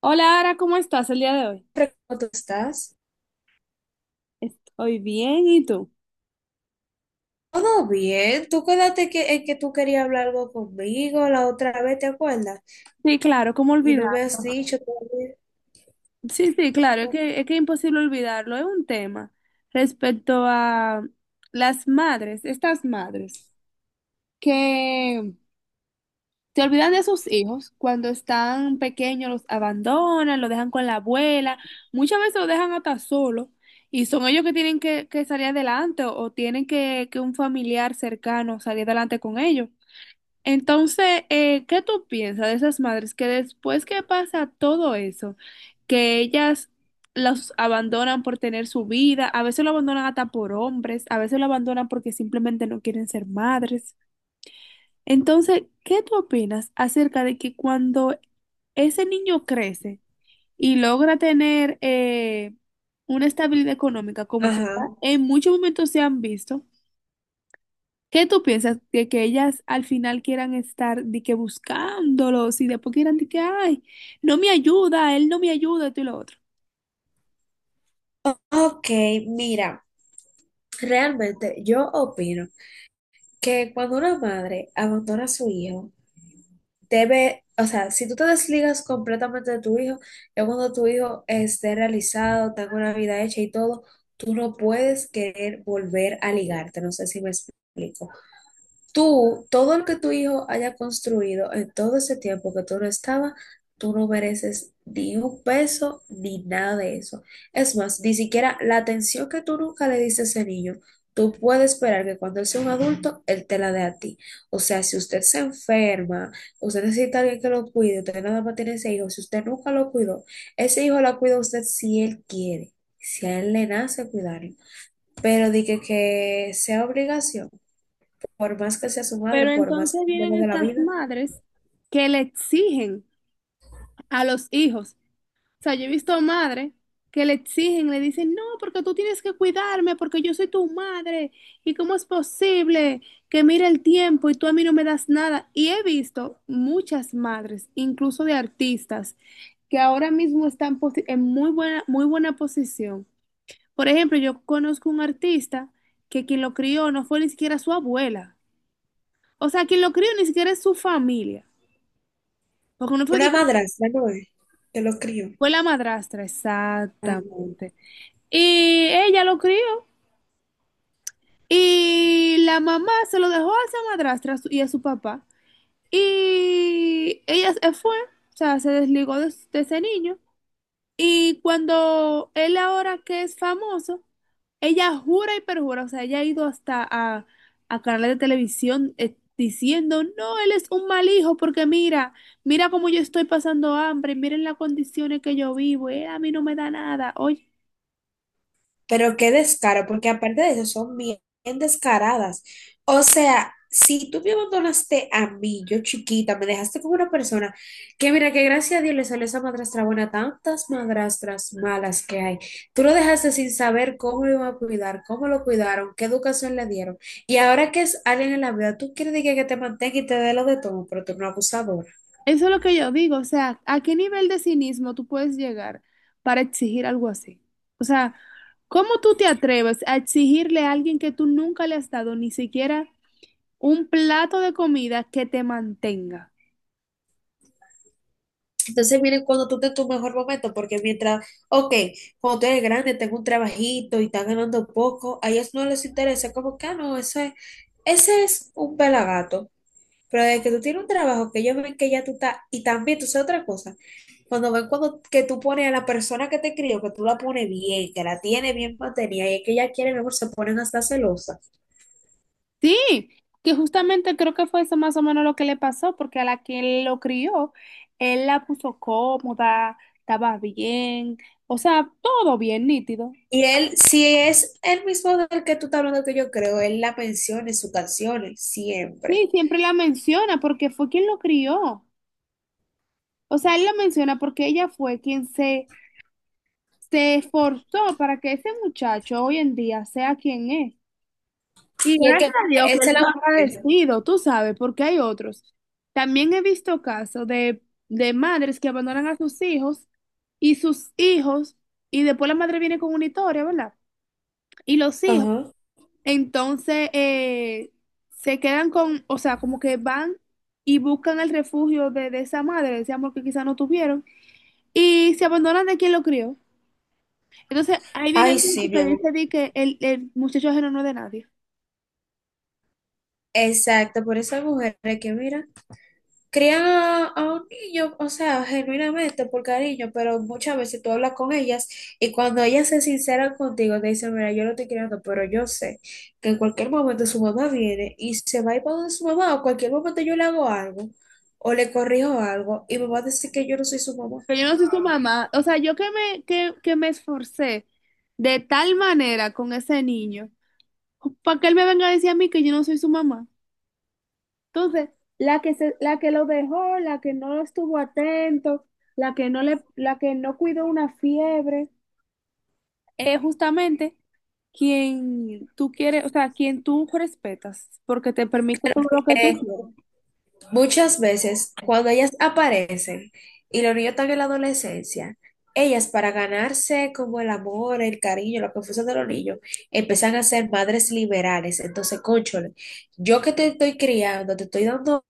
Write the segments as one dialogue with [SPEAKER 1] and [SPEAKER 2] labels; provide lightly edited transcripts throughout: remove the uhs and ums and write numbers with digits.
[SPEAKER 1] Hola, Ara, ¿cómo estás el día de hoy?
[SPEAKER 2] ¿Cómo tú estás?
[SPEAKER 1] Hoy bien, ¿y tú?
[SPEAKER 2] Todo bien. Tú quédate que, en que tú querías hablar algo conmigo la otra vez, ¿te acuerdas?
[SPEAKER 1] Sí, claro, ¿cómo
[SPEAKER 2] Y no
[SPEAKER 1] olvidar?
[SPEAKER 2] me has dicho todavía.
[SPEAKER 1] Sí, sí, claro, es
[SPEAKER 2] Ok.
[SPEAKER 1] que es que es imposible olvidarlo. Es un tema respecto a las madres, estas madres que se olvidan de sus hijos cuando están pequeños, los abandonan, lo dejan con la abuela, muchas veces lo dejan hasta solo y son ellos que tienen que salir adelante o tienen que un familiar cercano salir adelante con ellos. Entonces, ¿qué tú piensas de esas madres que después que pasa todo eso, que ellas los abandonan por tener su vida, a veces lo abandonan hasta por hombres, a veces lo abandonan porque simplemente no quieren ser madres? Entonces, ¿qué tú opinas acerca de que cuando ese niño crece y logra tener una estabilidad económica, como que
[SPEAKER 2] Ajá.
[SPEAKER 1] en muchos momentos se han visto, ¿qué tú piensas de que ellas al final quieran estar de que buscándolos y después quieran de que, ay, no me ayuda, él no me ayuda, esto y lo otro?
[SPEAKER 2] Ok, mira, realmente yo opino que cuando una madre abandona a su hijo, debe, o sea, si tú te desligas completamente de tu hijo, ya cuando tu hijo esté realizado, tenga una vida hecha y todo, tú no puedes querer volver a ligarte. No sé si me explico. Tú, todo lo que tu hijo haya construido en todo ese tiempo que tú no estabas, tú no mereces ni un peso ni nada de eso. Es más, ni siquiera la atención que tú nunca le diste a ese niño, tú puedes esperar que cuando él sea un adulto, él te la dé a ti. O sea, si usted se enferma, usted necesita a alguien que lo cuide, usted nada más tiene ese hijo, si usted nunca lo cuidó, ese hijo lo cuida usted si él quiere, si a él le nace cuidarlo. Pero de que sea obligación, por más que sea su madre,
[SPEAKER 1] Pero
[SPEAKER 2] por más
[SPEAKER 1] entonces
[SPEAKER 2] que
[SPEAKER 1] vienen
[SPEAKER 2] venga de la
[SPEAKER 1] estas
[SPEAKER 2] vida.
[SPEAKER 1] madres que le exigen a los hijos. O sea, yo he visto madres que le exigen, le dicen, no, porque tú tienes que cuidarme, porque yo soy tu madre, y cómo es posible que mire el tiempo y tú a mí no me das nada. Y he visto muchas madres, incluso de artistas, que ahora mismo están en muy buena posición. Por ejemplo, yo conozco un artista que quien lo crió no fue ni siquiera su abuela. O sea, quien lo crió ni siquiera es su familia. Porque no fue, de-
[SPEAKER 2] Una madrastra, no es, que lo crió.
[SPEAKER 1] fue la madrastra,
[SPEAKER 2] Ay.
[SPEAKER 1] exactamente. Y ella lo crió. Y la mamá se lo dejó a esa madrastra y a su papá. Y ella se fue, o sea, se desligó de ese niño. Y cuando él ahora que es famoso, ella jura y perjura, o sea, ella ha ido hasta a canales de televisión, diciendo, no, él es un mal hijo porque mira, mira cómo yo estoy pasando hambre, miren las condiciones que yo vivo, él a mí no me da nada. Oye.
[SPEAKER 2] Pero qué descaro, porque aparte de eso son bien descaradas. O sea, si tú me abandonaste a mí, yo chiquita, me dejaste con una persona que mira que gracias a Dios le salió esa madrastra buena, tantas madrastras malas que hay. Tú lo dejaste sin saber cómo lo iban a cuidar, cómo lo cuidaron, qué educación le dieron. Y ahora que es alguien en la vida, tú quieres decir que te mantenga y te dé lo de todo, pero tú no eres una abusadora.
[SPEAKER 1] Eso es lo que yo digo, o sea, ¿a qué nivel de cinismo tú puedes llegar para exigir algo así? O sea, ¿cómo tú te atreves a exigirle a alguien que tú nunca le has dado ni siquiera un plato de comida que te mantenga?
[SPEAKER 2] Entonces miren cuando tú estés en tu mejor momento, porque mientras, ok, cuando tú eres grande, tengo un trabajito y estás ganando poco, a ellos no les interesa, como que, ah, no, ese es un pelagato. Pero de que tú tienes un trabajo que ellos ven que ya tú estás, y también tú sabes otra cosa, cuando ven cuando que tú pones a la persona que te crió, que tú la pones bien, que la tiene bien mantenida, y es que ella quiere mejor, se ponen hasta celosa.
[SPEAKER 1] Sí, que justamente creo que fue eso más o menos lo que le pasó, porque a la que lo crió, él la puso cómoda, estaba bien, o sea, todo bien nítido.
[SPEAKER 2] Y él, si es el mismo del que tú estás hablando que yo creo, él la menciona en sus canciones, siempre.
[SPEAKER 1] Sí, siempre la menciona porque fue quien lo crió. O sea, él lo menciona porque ella fue quien se, se esforzó para que ese muchacho hoy en día sea quien es. Y
[SPEAKER 2] Y es que
[SPEAKER 1] gracias a Dios que él
[SPEAKER 2] esa es
[SPEAKER 1] fue
[SPEAKER 2] la mujer.
[SPEAKER 1] agradecido, tú sabes, porque hay otros. También he visto casos de madres que abandonan a sus hijos, y después la madre viene con una historia, ¿verdad? Y los hijos,
[SPEAKER 2] Ajá.
[SPEAKER 1] entonces, se quedan con, o sea, como que van y buscan el refugio de esa madre, de ese amor que quizás no tuvieron, y se abandonan de quien lo crió. Entonces, ahí viene
[SPEAKER 2] Ay,
[SPEAKER 1] el
[SPEAKER 2] sí,
[SPEAKER 1] dicho
[SPEAKER 2] mi
[SPEAKER 1] que
[SPEAKER 2] amor.
[SPEAKER 1] dice de que el muchacho ajeno no es de nadie.
[SPEAKER 2] Exacto, por esas mujeres que, mira, crían a un niño, o sea, genuinamente por cariño, pero muchas veces tú hablas con ellas y cuando ellas se sinceran contigo, te dicen, mira, yo lo estoy criando, pero yo sé que en cualquier momento su mamá viene y se va a ir para donde su mamá, o cualquier momento yo le hago algo, o le corrijo algo, y me va a decir que yo no soy su mamá.
[SPEAKER 1] Pero yo no soy su mamá. O sea, yo que me esforcé de tal manera con ese niño, para que él me venga a decir a mí que yo no soy su mamá. Entonces, la que lo dejó, la que no estuvo atento, la que no cuidó una fiebre, es justamente quien tú quieres, o sea, quien tú respetas, porque te permite todo lo que tú
[SPEAKER 2] Eh,
[SPEAKER 1] quieres.
[SPEAKER 2] Muchas veces, cuando ellas aparecen y los niños están en la adolescencia, ellas para ganarse como el amor, el cariño, la confusión de los niños, empiezan a ser madres liberales. Entonces, cónchole, yo que te estoy criando, te estoy dando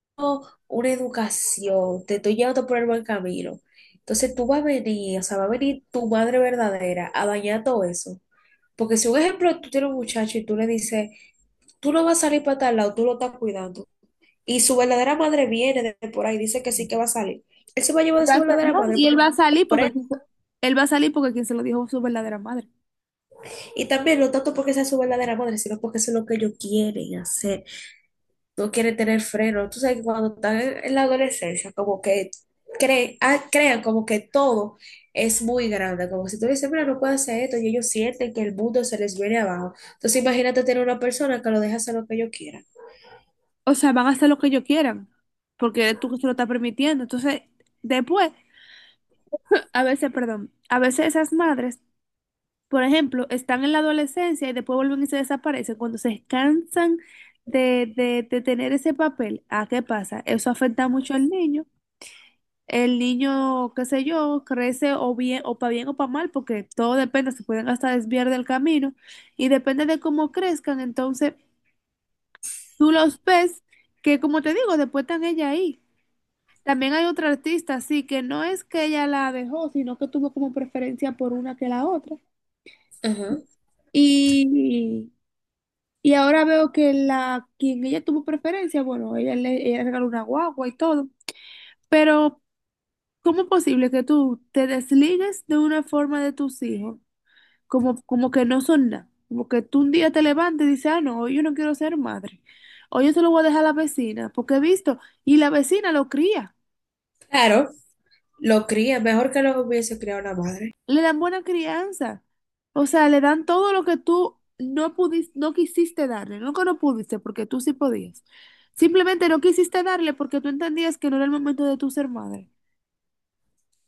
[SPEAKER 2] una educación, te estoy llevando por el buen camino. Entonces tú vas a venir, o sea, va a venir tu madre verdadera a dañar todo eso. Porque si un ejemplo, tú tienes un muchacho y tú le dices, tú no vas a salir para tal lado, tú lo estás cuidando. Y su verdadera madre viene de por ahí, dice que sí que va a salir. Él se va a llevar de
[SPEAKER 1] Va
[SPEAKER 2] su
[SPEAKER 1] a sa-
[SPEAKER 2] verdadera
[SPEAKER 1] no,
[SPEAKER 2] madre,
[SPEAKER 1] y él
[SPEAKER 2] pero
[SPEAKER 1] va a
[SPEAKER 2] no
[SPEAKER 1] salir
[SPEAKER 2] por él.
[SPEAKER 1] porque quien se- Él va a salir porque quien se lo dijo es su verdadera madre.
[SPEAKER 2] Y también, no tanto porque sea su verdadera madre, sino porque eso es lo que ellos quieren hacer. No quieren tener freno. Tú sabes que cuando están en la adolescencia, como que creen, ah, crean como que todo es muy grande. Como si tú le dices, mira, no puedo hacer esto, y ellos sienten que el mundo se les viene abajo. Entonces, imagínate tener una persona que lo deja hacer lo que ellos quieran.
[SPEAKER 1] O sea, van a hacer lo que ellos quieran, porque eres tú que se lo estás permitiendo. Entonces, después, a veces, perdón, a veces esas madres, por ejemplo, están en la adolescencia y después vuelven y se desaparecen. Cuando se cansan de tener ese papel, ¿a qué pasa? Eso afecta mucho al niño. El niño, qué sé yo, crece o bien o para mal, porque todo depende, se pueden hasta desviar del camino y depende de cómo crezcan, entonces tú los ves que como te digo, después están ella ahí. También hay otra artista, sí, que no es que ella la dejó, sino que tuvo como preferencia por una que la otra.
[SPEAKER 2] Ajá.
[SPEAKER 1] Y, y ahora veo que la quien ella tuvo preferencia, bueno, ella le regaló una guagua y todo, pero ¿cómo es posible que tú te desligues de una forma de tus hijos? Como, como que no son nada. Como que tú un día te levantas y dices, ah, no, hoy yo no quiero ser madre. Hoy yo se lo voy a dejar a la vecina, porque he visto, y la vecina lo cría,
[SPEAKER 2] Claro, lo cría, mejor que lo hubiese criado una madre.
[SPEAKER 1] le dan buena crianza. O sea, le dan todo lo que tú no pudiste, no quisiste darle, no que no pudiste, porque tú sí podías. Simplemente no quisiste darle porque tú entendías que no era el momento de tu ser madre.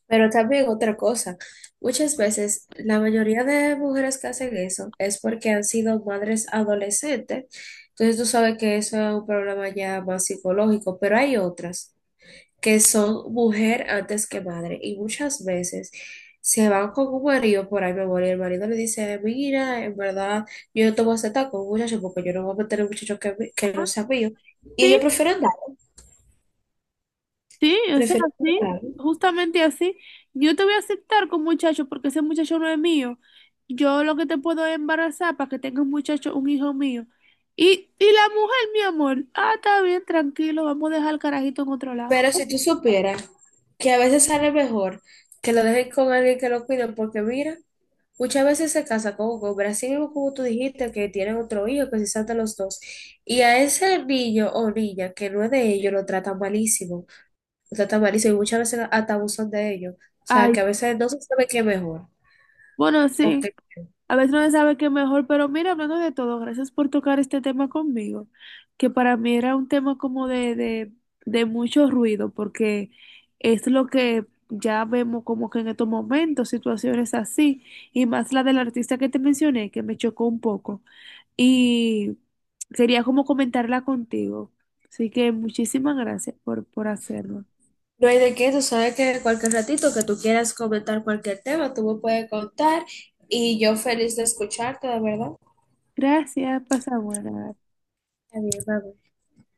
[SPEAKER 2] Pero también otra cosa, muchas veces la mayoría de mujeres que hacen eso es porque han sido madres adolescentes, entonces tú sabes que eso es un problema ya más psicológico, pero hay otras que son mujer antes que madre y muchas veces se van con un marido por ahí, mi amor, y el marido le dice, mira, en verdad yo no te voy a aceptar con un muchacho porque yo no voy a meter a un muchacho que
[SPEAKER 1] Ah,
[SPEAKER 2] no sea mío. Y
[SPEAKER 1] sí.
[SPEAKER 2] ellos prefieren dar,
[SPEAKER 1] Sí, o sea,
[SPEAKER 2] prefieren
[SPEAKER 1] sí,
[SPEAKER 2] dar.
[SPEAKER 1] justamente así. Yo te voy a aceptar con muchacho porque ese muchacho no es mío. Yo lo que te puedo es embarazar para que tengas un muchacho, un hijo mío. Y la mujer, mi amor, ah, está bien, tranquilo, vamos a dejar al carajito en otro lado.
[SPEAKER 2] Pero si tú supieras que a veces sale mejor que lo dejes con alguien que lo cuide, porque mira, muchas veces se casa con un hombre, así mismo como tú dijiste que tienen otro hijo, que se saltan los dos, y a ese niño o niña que no es de ellos lo tratan malísimo y muchas veces hasta abusan de ellos. O sea,
[SPEAKER 1] Ay,
[SPEAKER 2] que a veces no se sabe qué es mejor.
[SPEAKER 1] bueno,
[SPEAKER 2] Ok.
[SPEAKER 1] sí. A veces no se sabe qué mejor, pero mira, hablando de todo, gracias por tocar este tema conmigo, que para mí era un tema como de mucho ruido, porque es lo que ya vemos como que en estos momentos, situaciones así, y más la del artista que te mencioné, que me chocó un poco, y quería como comentarla contigo. Así que muchísimas gracias por hacerlo.
[SPEAKER 2] No hay de qué, tú sabes que cualquier ratito que tú quieras comentar cualquier tema, tú me puedes contar y yo feliz de escucharte, de verdad.
[SPEAKER 1] Gracias, pasa buena.
[SPEAKER 2] Está bien, bye, bye.